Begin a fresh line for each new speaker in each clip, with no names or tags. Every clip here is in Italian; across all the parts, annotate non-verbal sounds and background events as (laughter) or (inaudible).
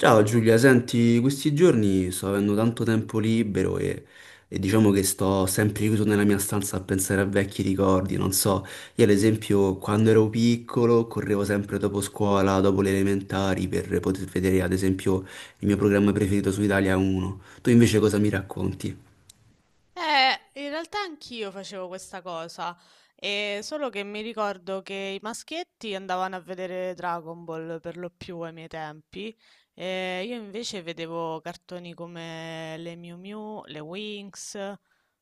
Ciao Giulia, senti, questi giorni sto avendo tanto tempo libero e diciamo che sto sempre chiuso nella mia stanza a pensare a vecchi ricordi, non so, io ad esempio quando ero piccolo correvo sempre dopo scuola, dopo le elementari per poter vedere ad esempio il mio programma preferito su Italia 1. Tu invece cosa mi racconti?
In realtà anch'io facevo questa cosa, e solo che mi ricordo che i maschietti andavano a vedere Dragon Ball per lo più ai miei tempi, e io invece vedevo cartoni come le Miu Miu, le Winx,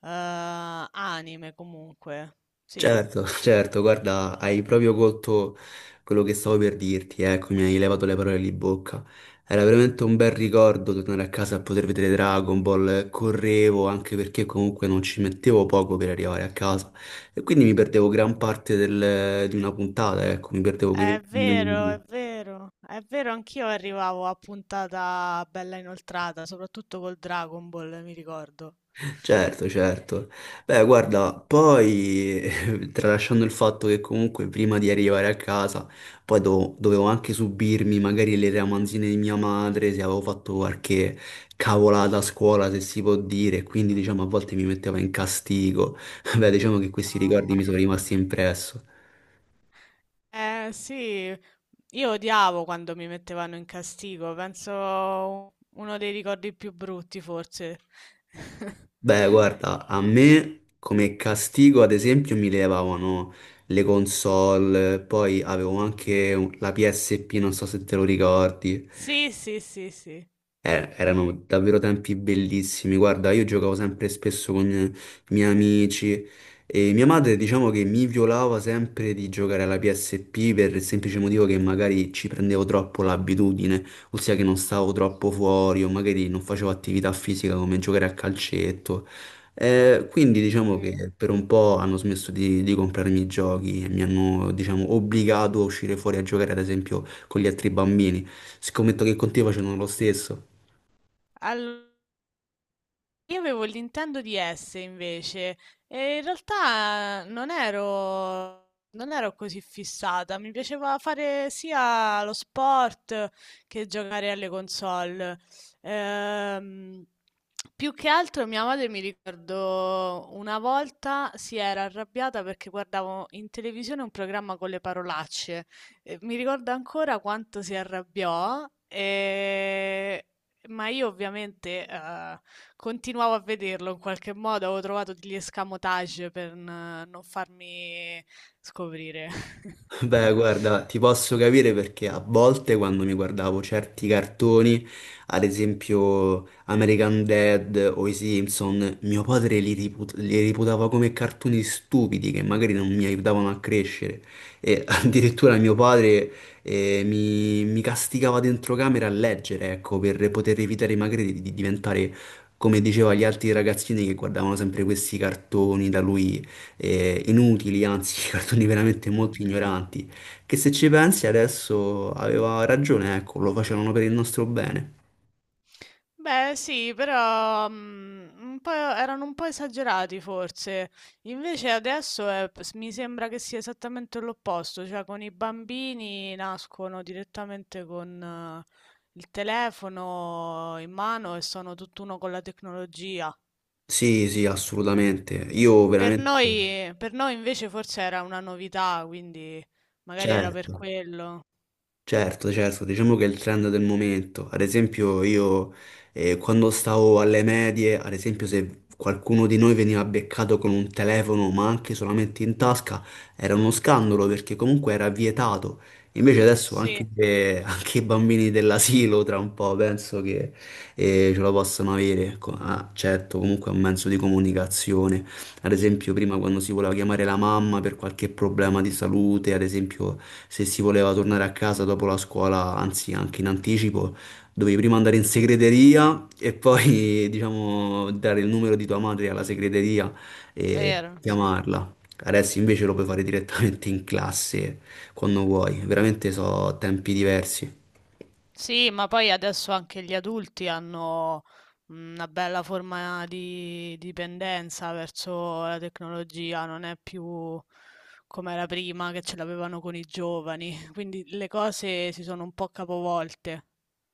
anime comunque. Sì,
Certo, (laughs) certo, guarda, hai proprio colto quello che stavo per dirti, ecco, mi hai levato le parole di bocca. Era veramente un bel ricordo tornare a casa a poter vedere Dragon Ball, correvo anche perché comunque non ci mettevo poco per arrivare a casa e quindi mi perdevo gran parte di una puntata, ecco, mi perdevo quei
è
20
vero, è
minuti.
vero, è vero, anch'io arrivavo a puntata bella inoltrata, soprattutto col Dragon Ball, mi ricordo.
Certo, certo. Beh, guarda, poi (laughs) tralasciando il fatto che comunque prima di arrivare a casa, poi dovevo anche subirmi magari le ramanzine di mia madre, se avevo fatto qualche cavolata a scuola, se si può dire, quindi diciamo a volte mi metteva in castigo. (laughs) Beh, diciamo che questi ricordi mi sono
No.
rimasti impresso.
Eh sì, io odiavo quando mi mettevano in castigo, penso uno dei ricordi più brutti forse. (laughs)
Beh, guarda, a me come castigo, ad esempio, mi levavano le console, poi avevo anche la PSP, non so se te lo ricordi.
Sì, sì, sì, sì.
Erano davvero tempi bellissimi. Guarda, io giocavo sempre e spesso con i miei amici e mia madre, diciamo che mi violava sempre di giocare alla PSP per il semplice motivo che magari ci prendevo troppo l'abitudine, ossia che non stavo troppo fuori o magari non facevo attività fisica come giocare a calcetto. Quindi diciamo
Sì.
che per un po' hanno smesso di comprarmi i giochi e mi hanno, diciamo, obbligato a uscire fuori a giocare, ad esempio, con gli altri bambini. Scommetto che con te
Mhm.
facevano lo stesso.
Allora, io avevo il Nintendo DS invece e in realtà non ero così fissata, mi piaceva fare sia lo sport che giocare alle console. Ehm, Più che altro mia madre mi ricordo una volta si era arrabbiata perché guardavo in televisione un programma con le parolacce. E mi ricordo ancora quanto si arrabbiò, ma io ovviamente continuavo a vederlo in qualche modo, avevo trovato degli escamotage per non farmi scoprire.
(laughs)
(laughs)
Beh, guarda, ti posso capire perché a volte quando mi guardavo certi cartoni, ad esempio American Dad o i Simpson, mio padre li, li reputava come cartoni stupidi che magari non mi aiutavano a crescere. E (laughs) addirittura mio padre mi castigava dentro camera a
Mh,
leggere, ecco, per poter evitare magari di diventare come diceva gli altri ragazzini che guardavano sempre questi cartoni da lui inutili, anzi, (laughs) cartoni veramente molto
mh-mh.
ignoranti, che se ci pensi adesso aveva ragione, ecco, lo facevano per il nostro bene.
Beh sì, però, un po' erano un po' esagerati forse. Invece adesso è p s mi sembra che sia esattamente l'opposto, cioè con i bambini nascono direttamente con il telefono in mano e sono tutt'uno con la tecnologia.
Sì, sì, assolutamente. Io
Per
veramente,
noi per noi invece forse era una novità, quindi magari era per
certo.
quello.
Certo, certo, diciamo che è il trend del momento. Ad esempio, io quando stavo alle medie, ad esempio, se qualcuno di noi veniva beccato con un telefono, ma anche solamente in tasca, era uno scandalo perché comunque era vietato. Invece adesso
Sì,
anche,
è
anche i bambini dell'asilo, tra un po', penso che ce la possano avere. Certo, comunque è un mezzo di comunicazione. Ad esempio, prima quando si voleva chiamare la mamma per qualche problema di salute, ad esempio, se si voleva tornare a casa dopo la scuola, anzi anche in anticipo, dovevi prima andare in segreteria e poi, (laughs) diciamo, dare il numero di tua madre alla segreteria e
vero, sì.
chiamarla. Adesso invece lo puoi fare direttamente in classe quando vuoi,
Mh-mh.
veramente so tempi diversi.
Sì, ma poi adesso anche gli adulti hanno una bella forma di dipendenza verso la tecnologia, non è più come era prima che ce l'avevano con i giovani, (laughs) quindi le cose si sono un po' capovolte.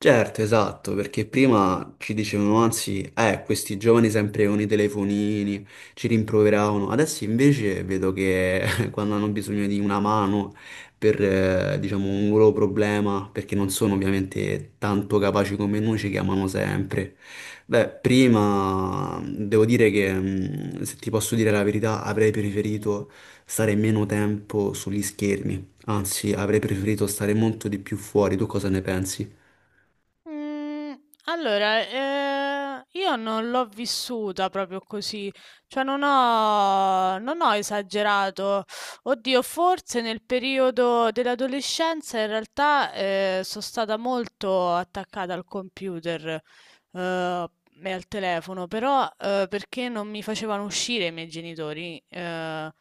Certo, esatto, perché prima ci dicevano, anzi, questi giovani sempre con i telefonini, ci rimproveravano. Adesso invece vedo che (laughs) quando hanno bisogno di una mano per, diciamo, un loro problema, perché non sono ovviamente tanto capaci come noi, ci chiamano sempre. Beh, prima devo dire che, se ti posso dire la verità, avrei
Mh-mh.
preferito stare meno tempo sugli schermi, anzi, avrei preferito stare molto di più fuori. Tu cosa ne pensi?
Mm, Allora, io non l'ho vissuta proprio così, cioè non ho esagerato. Oddio, forse nel periodo dell'adolescenza in realtà sono stata molto attaccata al computer eh, e al telefono, però perché non mi facevano uscire i miei genitori. eh,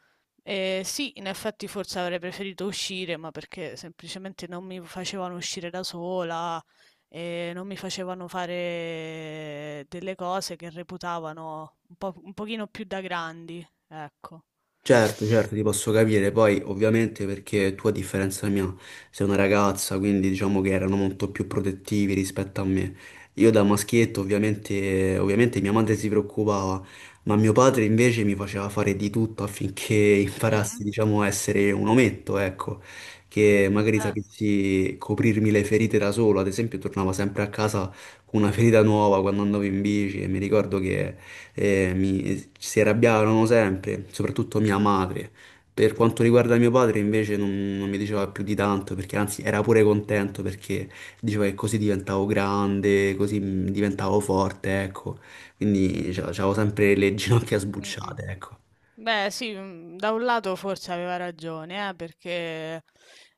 eh, sì, in effetti forse avrei preferito uscire, ma perché semplicemente non mi facevano uscire da sola, e non mi facevano fare delle cose che reputavano un po', un pochino più da grandi, ecco.
Certo, certo, ti posso capire, poi ovviamente perché tu a differenza mia sei una ragazza, quindi diciamo che erano molto più protettivi rispetto a me. Io da maschietto ovviamente mia madre si preoccupava, ma mio padre invece mi faceva fare di tutto affinché (laughs) imparassi, diciamo, a essere un ometto, ecco, che magari sapessi coprirmi le ferite da solo, ad esempio tornavo sempre a casa con una ferita nuova quando andavo in bici e mi ricordo che si arrabbiavano sempre, soprattutto mia madre. Per quanto riguarda mio padre, invece, non mi diceva più di tanto, perché anzi era pure contento perché diceva che così diventavo grande, così diventavo forte, ecco. Quindi avevo sempre le ginocchia sbucciate, ecco.
Beh, sì, mm, da un lato forse aveva ragione, perché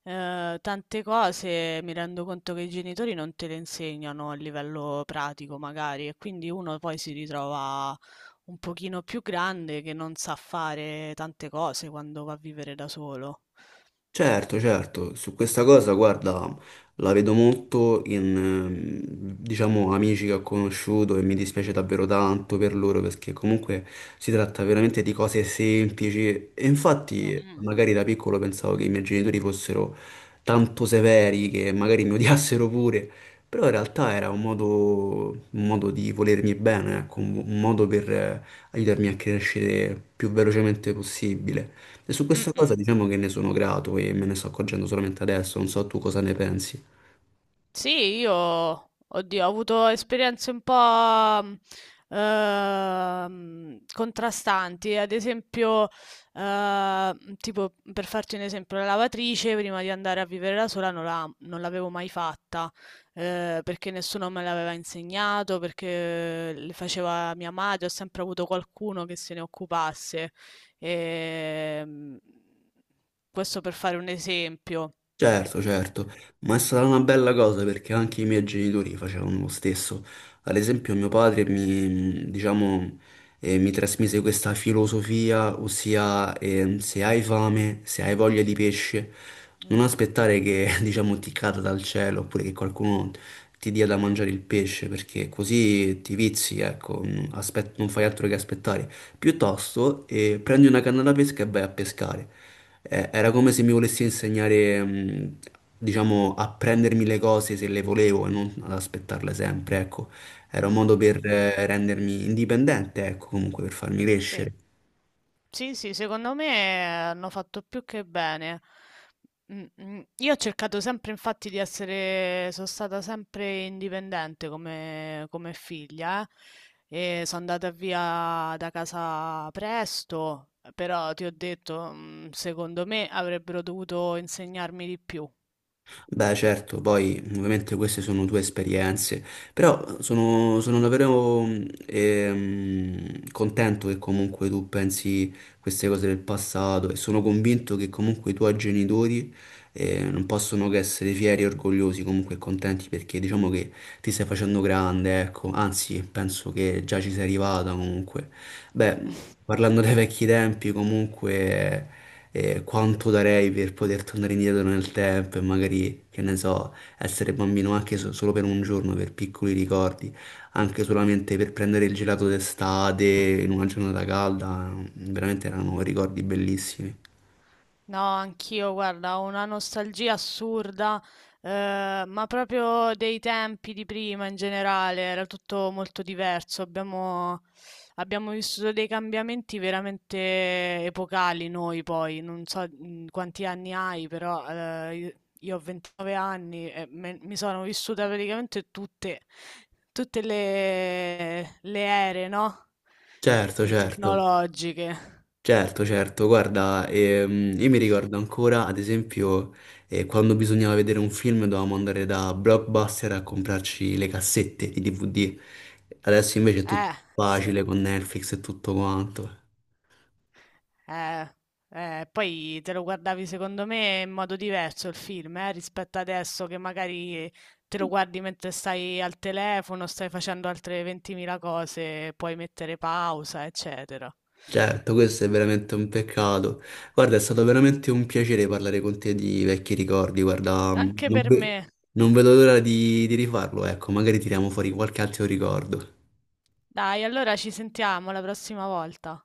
tante cose mi rendo conto che i genitori non te le insegnano a livello pratico, magari, e quindi uno poi si ritrova un pochino più grande che non sa fare tante cose quando va a vivere da solo.
Certo, certo, su questa cosa, guarda, la vedo molto in diciamo, amici che ho conosciuto e mi dispiace davvero tanto per loro perché comunque si tratta veramente di cose semplici e
Mm,
infatti
mm, mm.
magari da piccolo pensavo che i miei genitori fossero tanto severi che magari mi odiassero pure, però in realtà era un modo di volermi bene, ecco, un modo per aiutarmi a crescere più velocemente possibile. E su
Mm,
questa cosa
mm.
diciamo che ne sono grato e me ne sto accorgendo solamente adesso, non so tu cosa ne pensi.
Sì, io, oddio, ho avuto esperienze un po' contrastanti. Ad esempio, tipo, per farti un esempio, la lavatrice prima di andare a vivere da sola non l'avevo mai fatta, perché nessuno me l'aveva insegnato, perché le faceva mia madre, ho sempre avuto qualcuno che se ne occupasse. Ehm, Questo per fare un esempio.
Certo, certo, ma è stata una bella cosa perché anche i miei genitori facevano lo stesso. Ad esempio, mio padre mi, diciamo, mi trasmise questa filosofia, ossia, se hai fame, se hai voglia di pesce, non
Mhm.
aspettare che, (laughs) diciamo, ti cada dal cielo oppure che qualcuno ti dia da mangiare il pesce, perché così ti vizi, ecco, non fai altro che aspettare. Piuttosto, prendi una canna da pesca e vai a pescare era come se mi volessi insegnare, diciamo, a prendermi le cose se le volevo e non ad aspettarle sempre, ecco. Era un modo
Mm,
per
mm.
rendermi indipendente, ecco, comunque per farmi
Sì.
crescere.
Sì, sì, secondo me hanno fatto più che bene. Mm, mm. Io ho cercato sempre, infatti, di essere, sono stata sempre indipendente come figlia, e sono andata via da casa presto, però ti ho detto, secondo me avrebbero dovuto insegnarmi di più.
Beh, certo, poi ovviamente queste sono tue esperienze, però sono davvero contento che comunque tu pensi queste cose del passato e sono convinto che comunque i tuoi genitori non possono che essere fieri, orgogliosi, comunque contenti perché diciamo che ti stai facendo grande, ecco, anzi penso che già ci sei arrivata comunque. Beh, parlando dei vecchi tempi, comunque, quanto darei per poter tornare indietro nel tempo e magari, che ne so, essere bambino anche solo per un giorno, per piccoli ricordi, anche solamente per prendere il gelato d'estate in una giornata calda, veramente erano ricordi bellissimi.
No, anch'io, guarda, ho una nostalgia assurda, ma proprio dei tempi di prima in generale, era tutto molto diverso. Abbiamo vissuto dei cambiamenti veramente epocali noi poi, non so quanti anni hai, però io ho 29 anni e mi sono vissuta praticamente tutte le ere, no?
Certo,
Le
certo.
tecnologiche.
Certo, certo, guarda, io mi ricordo ancora, ad esempio, quando bisognava vedere un film dovevamo andare da Blockbuster a comprarci le cassette di DVD, adesso invece è tutto
Eh, sì.
facile con Netflix e tutto quanto.
Eh, Poi te lo guardavi secondo me in modo diverso il film, rispetto adesso che magari te lo guardi mentre stai al telefono, stai facendo altre 20.000 cose, puoi mettere pausa, eccetera.
Certo, questo è veramente un peccato. Guarda, è stato veramente un piacere parlare con te di vecchi ricordi, guarda,
Anche per me.
non vedo l'ora di rifarlo, ecco, magari tiriamo fuori qualche altro ricordo.
Dai, allora ci sentiamo la prossima volta.